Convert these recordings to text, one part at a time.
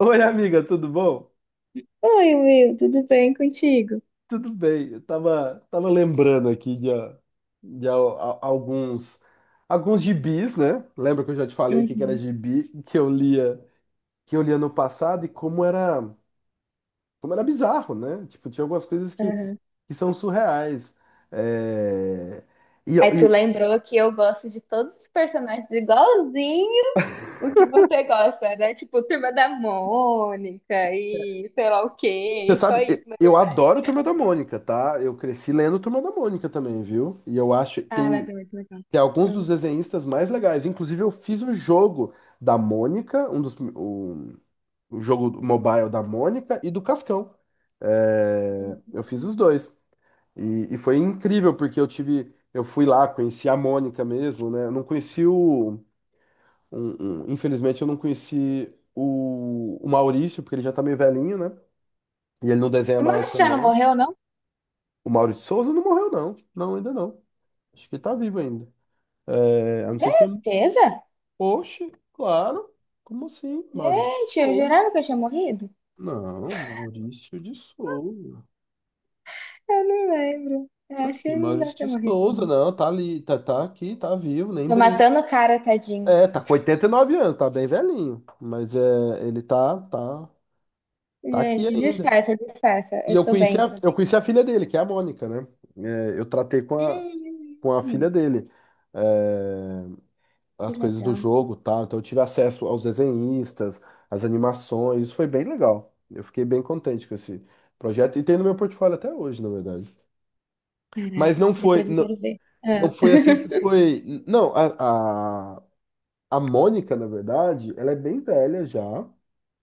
Oi, amiga, tudo bom? Oi, Will, tudo bem contigo? Tudo bem. Eu tava lembrando aqui de alguns gibis, né? Lembra que eu já te falei que era Uhum, gibi que eu lia no passado e como era bizarro, né? Tipo, tinha algumas coisas que, uhum. que são surreais. É, E, Aí tu e lembrou que eu gosto de todos os personagens igualzinho o que você gosta, né? Tipo, Turma da Mônica e sei lá o você quê, e só sabe, isso, né? eu adoro Turma da Mônica, tá? Eu cresci lendo Turma da Mônica também, viu? E eu acho que Ah, mas tem é muito legal. Tem alguns dos Uhum. desenhistas mais legais. Inclusive, eu fiz o jogo da Mônica, o jogo mobile da Mônica e do Cascão. É, eu fiz os dois. E foi incrível, porque eu tive. Eu fui lá, conheci a Mônica mesmo, né? Eu não conheci o. Infelizmente, eu não conheci o Maurício, porque ele já tá meio velhinho, né? E ele não desenha Tu mais Maurício já não também. morreu, não? O Maurício Souza não morreu, não. Não, ainda não. Acho que ele tá vivo ainda. É, a não ser que tenha Certeza? Oxe, claro. Como assim? Maurício de Gente, eu Souza. jurava que eu tinha morrido. Não, Maurício de Souza. Eu não lembro. Eu Tá acho que aqui, ele não Maurício deve ter de morrido, Souza. não. Não, tá ali, tá aqui, tá vivo, nem Tô brinca. matando o cara, tadinho. É, tá com 89 anos, tá bem velhinho. Mas é, tá aqui Gente, ainda. disfarça, disfarça. E Eu tô bem, tô. eu conheci a filha dele, que é a Mônica, né? Eu tratei Hum, com a hum, filha dele. É, que as coisas do legal. jogo, tá? Então eu tive acesso aos desenhistas, às animações, isso foi bem legal. Eu fiquei bem contente com esse projeto e tem no meu portfólio até hoje, na verdade. Caraca, Mas depois eu quero ver. não Ah. foi assim que foi. Não, a Mônica, na verdade, ela é bem velha já.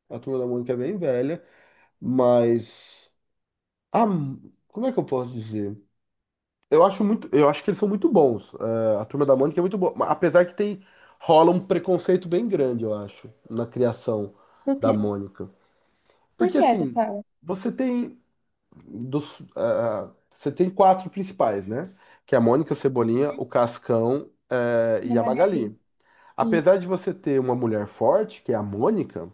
A turma da Mônica é bem velha, mas a, como é que eu posso dizer? Eu acho que eles são muito bons. É, a Turma da Mônica é muito boa, mas apesar que tem rola um preconceito bem grande, eu acho, na criação Por da quê? Mônica. Por Porque que essa assim, fala? você tem você tem quatro principais, né? Que é a Mônica, o Cebolinha, o Cascão, Na e a Magali. Magali. Isso. Apesar de você ter uma mulher forte, que é a Mônica,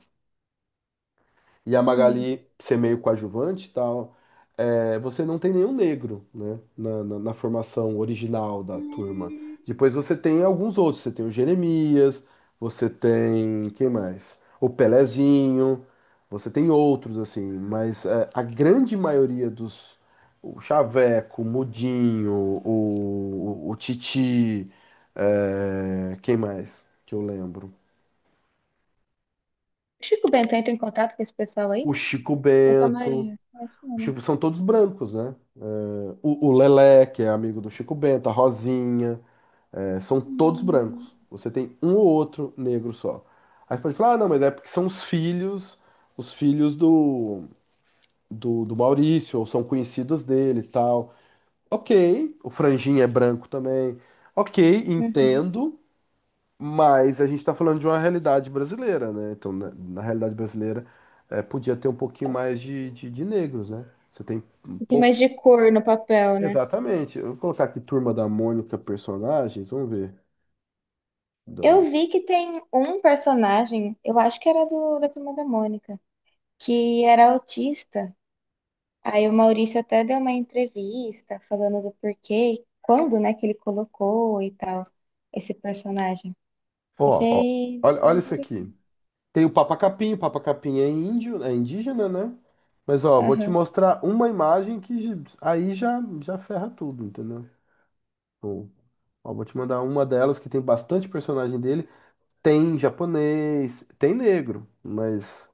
e a Hum. Magali ser meio coadjuvante e tal, é, você não tem nenhum negro, né, na formação original da turma. Hum. Depois você tem alguns outros, você tem o Jeremias, você tem, quem mais? O Pelezinho, você tem outros, assim, mas é, a grande maioria dos, o Chaveco, o Mudinho, o Titi, é, quem mais que eu lembro? Chico Bento entra em contato com esse pessoal aí? O Chico Santa Bento, Maria. Acho que o não. Chico, são todos brancos, né? O Lelé, que é amigo do Chico Bento, a Rosinha, é, são todos Hum. brancos. Você tem um ou outro negro só. Aí você pode falar, ah, não, mas é porque são os filhos do Maurício, ou são conhecidos dele e tal. Ok, o Franjinha é branco também. Ok, Uhum. Um entendo, mas a gente tá falando de uma realidade brasileira, né? Então, na realidade brasileira, é, podia ter um pouquinho mais de negros, né? Você tem pou- mais de cor no papel, né? exatamente. Eu vou colocar aqui Turma da Mônica personagens. Vamos ver. Da- Eu vi que tem um personagem, eu acho que era do, da Turma da Mônica, que era autista. Aí o Maurício até deu uma entrevista falando do porquê, quando, né, que ele colocou e tal, esse personagem. Ó, Ó, Achei olha, bem olha isso aqui. interessante. Tem o Papa Capim. O Papa Capim é índio, é indígena, né? Mas ó, vou te Aham. mostrar uma imagem que aí já ferra tudo, entendeu? Ó, ó, vou te mandar uma delas que tem bastante personagem dele. Tem japonês, tem negro, mas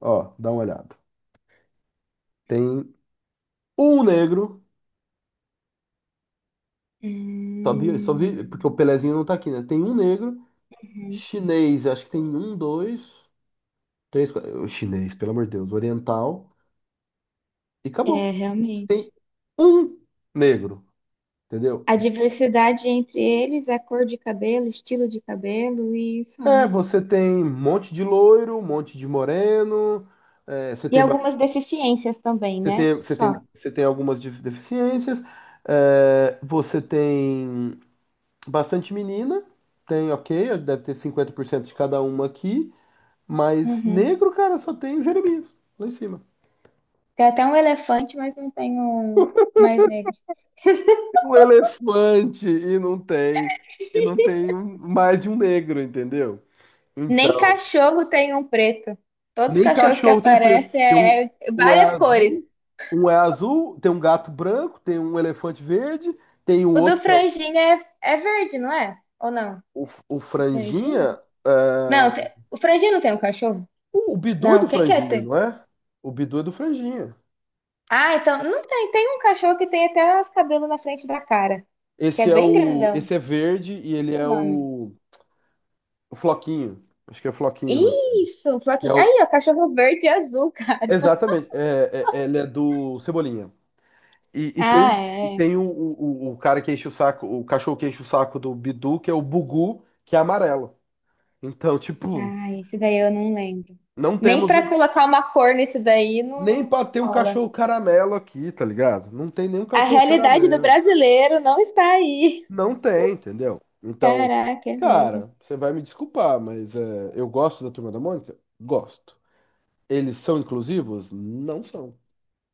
ó, dá uma olhada. Tem um negro, só Hum, vi porque o Pelezinho não tá aqui, né? Tem um negro uhum. chinês, acho que tem um, dois, três, quatro. O chinês, pelo amor de Deus. Oriental. E É, acabou. Você realmente. tem um negro, entendeu? A diversidade entre eles, a cor de cabelo, estilo de cabelo e só, É, né? você tem um monte de loiro, um monte de moreno. É, você E tem, algumas deficiências também, né? Só. Você tem algumas deficiências. É, você tem bastante menina. Tem, ok, deve ter 50% de cada uma aqui. Mas Uhum. negro, cara, só tem o Jeremias lá em cima. Tem até um elefante, mas não tem um mais. Um elefante e não tem mais de um negro, entendeu? Nem Então, cachorro tem um preto. Todos os nem cachorros que cachorro tem preto, aparecem porque um, é é um é várias cores. azul, um é azul, tem um gato branco, tem um elefante verde, tem um O do outro que é franjinho é, é verde, não é? Ou não? O O franjinho? franjinha, é, Não, o franjinho não tem um cachorro? O Bidu é Não, do quem quer franjinha, ter? não é? O Bidu é do franjinha. Ah, então não tem. Tem um cachorro que tem até os cabelos na frente da cara, que é bem grandão. Esse é verde e Esqueci ele o é nome. O floquinho. Acho que é floquinho, não. Isso, E Floquinho. é o, Aí, ó, cachorro verde e azul, cara. exatamente, ele é do Cebolinha. E tem, Ah, e é. tem o cara que enche o saco, o cachorro que enche o saco do Bidu, que é o Bugu, que é amarelo. Então, tipo, Ah, esse daí eu não lembro. não Nem temos pra um. colocar uma cor nesse daí Nem não pra ter um rola. cachorro caramelo aqui, tá ligado? Não tem nenhum A cachorro realidade do caramelo. brasileiro não está aí. Não tem, entendeu? Então, Caraca, é mesmo. cara, você vai me desculpar, mas é, eu gosto da Turma da Mônica? Gosto. Eles são inclusivos? Não são.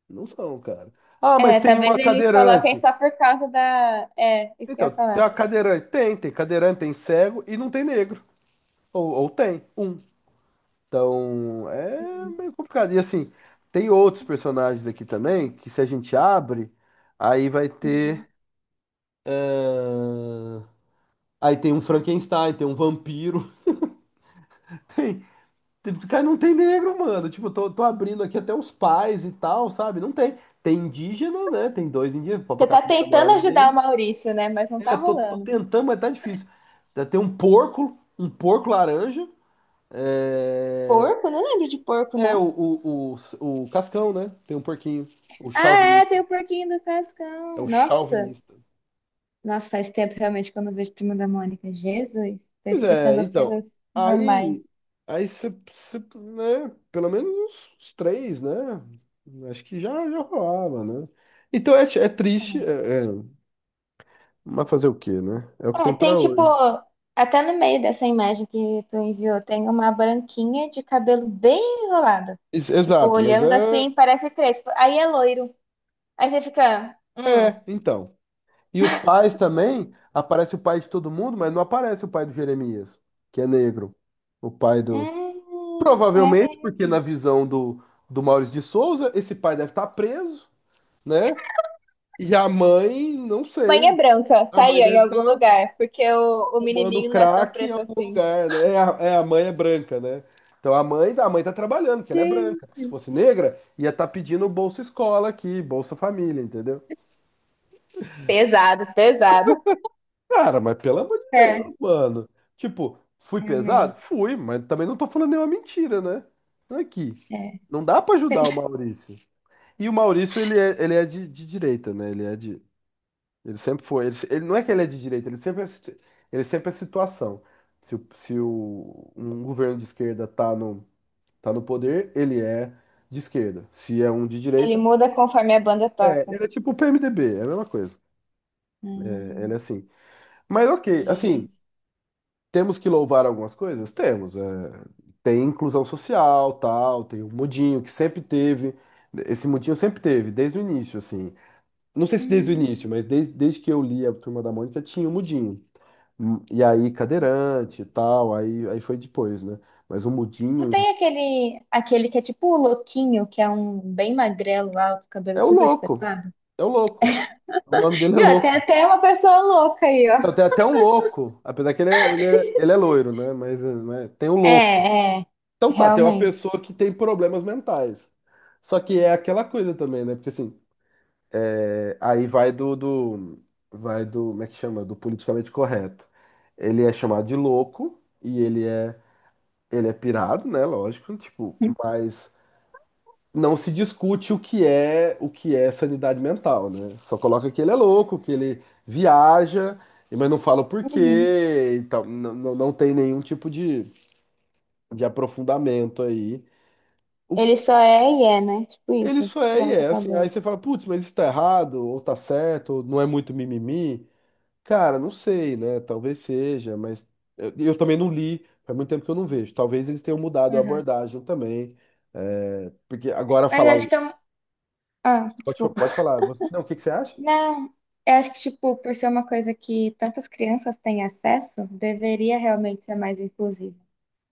Não são, cara. Ah, mas É, tem uma talvez eles coloquem cadeirante. só por causa da. É, isso que eu ia Então, tem falar. uma cadeirante. Tem cadeirante, tem cego e não tem negro. Ou tem um. Então é Uhum. meio complicado. E assim, tem outros personagens aqui também que se a gente abre, aí vai Uhum. ter. Eh, Aí tem um Frankenstein, tem um vampiro. Tem. Tem- Cara, não tem negro, mano. Tipo, tô abrindo aqui até os pais e tal, sabe? Não tem. Tem indígena, né? Tem dois indígenas, Papa Você tá Capinha, a tentando namorada ajudar o dele. Maurício, né? Mas não tá É, tô rolando. tentando, mas tá difícil. Tem um porco laranja. É, Porco? Não lembro de porco, é não. O Cascão, né? Tem um porquinho. O Ah, é, chauvinista. tem o porquinho do É Cascão. o Nossa, chauvinista. nossa, faz tempo realmente que eu não vejo Turma da Mônica. Jesus, tô Pois esquecendo é, as então. coisas normais. Aí. Aí você, né? Pelo menos uns três, né? Acho que já rolava, né? Então é triste, mas fazer o quê, né? É o que É, tem tem pra tipo, hoje. até no meio dessa imagem que tu enviou, tem uma branquinha de cabelo bem enrolado. Tipo, Exato, mas olhando é. assim, parece crespo. Aí é loiro. Aí você fica, É, então. E os pais também. Aparece o pai de todo mundo, mas não aparece o pai do Jeremias, que é negro. O pai do. É Provavelmente, mesmo. porque na visão do, do Maurício de Souza, esse pai deve estar preso, né? E a mãe, não Mãe é sei. branca, A tá mãe aí ó, em deve algum estar lugar, porque o fumando menininho não é tão crack em preto algum assim. lugar, né? É a mãe é branca, né? Então a mãe tá trabalhando, porque ela é Sim. branca. Se fosse negra, ia estar pedindo Bolsa Escola aqui, Bolsa Família, entendeu? Pesado, pesado. Cara, mas pelo amor de Deus, É, mano. Tipo, fui pesado? realmente. Fui, mas também não tô falando nenhuma mentira, né? Aqui. É. Não dá pra ajudar o Maurício. E o Maurício, ele é de direita, né? Ele é de. Ele sempre foi. Ele, não é que ele é de direita, ele sempre é, ele sempre é situação. Se, o- se o, um governo de esquerda tá no, tá no poder, ele é de esquerda. Se é um de Ele direita, muda conforme a banda é, toca. ele é tipo o PMDB, é a mesma coisa. É, ele é Hum, assim. Mas ok, assim, gente. temos que louvar algumas coisas? Temos. É. Tem inclusão social, tal, tem o Mudinho, que sempre teve. Esse Mudinho sempre teve, desde o início, assim. Não sei se desde o início, Hum. mas desde, desde que eu li a Turma da Mônica tinha o Mudinho. E aí, cadeirante e tal, aí foi depois, né? Mas o Não Mudinho tem aquele, aquele que é tipo o louquinho, que é um bem magrelo lá, com o cabelo é o tudo louco, espetado? é o louco. O nome dele é Viu? Tem louco. até uma pessoa louca aí, Então, ó. tem até um louco, apesar que ele é loiro, né? Mas, né, tem um louco. É, é, Então tá, tem uma realmente. pessoa que tem problemas mentais. Só que é aquela coisa também, né? Porque assim, é, aí vai do. Vai do. Como é que chama? Do politicamente correto. Ele é chamado de louco e ele é ele é pirado, né? Lógico, tipo, mas não se discute o que é sanidade mental, né? Só coloca que ele é louco, que ele viaja, mas não fala o Uhum. porquê, então não tem nenhum tipo de aprofundamento aí. O que Ele só é e é, né? Tipo ele isso. só é e Pronto, é assim. Aí acabou. você fala, putz, mas isso tá errado, ou tá certo, ou não é muito mimimi. Cara, não sei, né? Talvez seja, mas eu também não li, faz muito tempo que eu não vejo. Talvez eles tenham mudado a Uhum. abordagem também. É, porque agora Mas falar. acho que é um... Ah, Pode, desculpa. pode falar. Você, não, o que que você acha? Não, eu acho que, tipo, por ser uma coisa que tantas crianças têm acesso, deveria realmente ser mais inclusivo.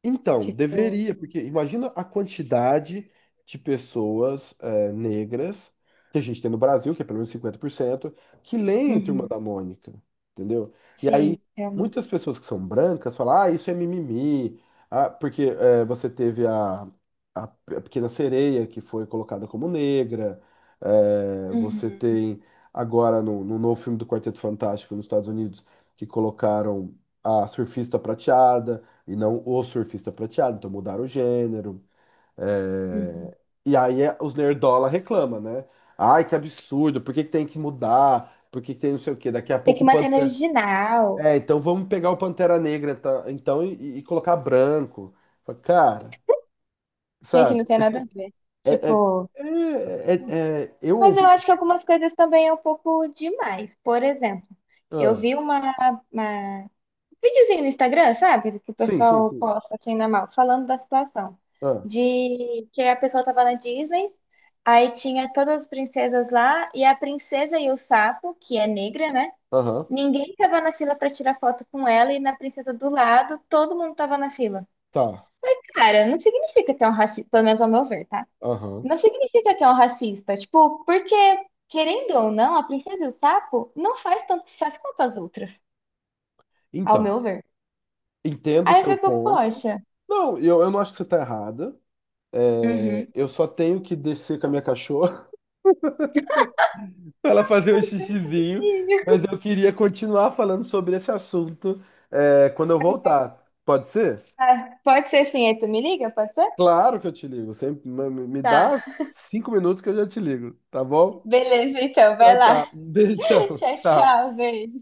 Então, Tipo, deveria, porque imagina a quantidade de pessoas negras que a gente tem no Brasil, que é pelo menos 50% que leem Turma uhum, da Mônica, entendeu? E aí, sim, realmente. muitas pessoas que são brancas falam, ah, isso é mimimi, ah, porque você teve a Pequena Sereia, que foi colocada como negra, eh, você Uhum. tem agora no novo filme do Quarteto Fantástico nos Estados Unidos, que colocaram a surfista prateada, e não o surfista prateado. Então mudaram o gênero. Uhum. É, e aí os nerdola reclama, né? Ai, que absurdo, por que que tem que mudar? Por que que tem não sei o quê? Daqui a Tem que pouco o manter no Pantera. original. É, então vamos pegar o Pantera Negra tá? então e colocar branco. Fala, cara, Gente, sabe? não tem nada a ver. É, é- Tipo, eu mas eu ouvi. acho que algumas coisas também é um pouco demais. Por exemplo, eu Ah, vi um videozinho no Instagram, sabe? Do que o pessoal sim. posta assim na mão, falando da situação. Ah, De que a pessoa tava na Disney, aí tinha todas as princesas lá, e a princesa e o sapo, que é negra, né? aham, Ninguém tava na fila pra tirar foto com ela, e na princesa do lado, todo mundo tava na fila. tá. Cara, não significa que é um racismo, pelo menos ao meu ver, tá? Aham. Não significa que é um racista. Tipo, porque, querendo ou não, a Princesa e o Sapo não faz tanto sucesso quanto as outras, ao Então, meu ver. entendo o Aí eu seu fico, ponto. poxa. Não, eu não acho que você está errada. É, Uhum. eu só tenho que descer com a minha cachorra para ela fazer um xixizinho, mas eu queria continuar falando sobre esse assunto, é, quando eu voltar. Pode ser? Ah, pode ser sim, aí tu me liga? Pode ser? Claro que eu te ligo. Sempre, dá Tá. 5 minutos que eu já te ligo, tá bom? Beleza, então, vai Então lá. tá. Um beijão. Tchau, Tchau. tchau, beijo.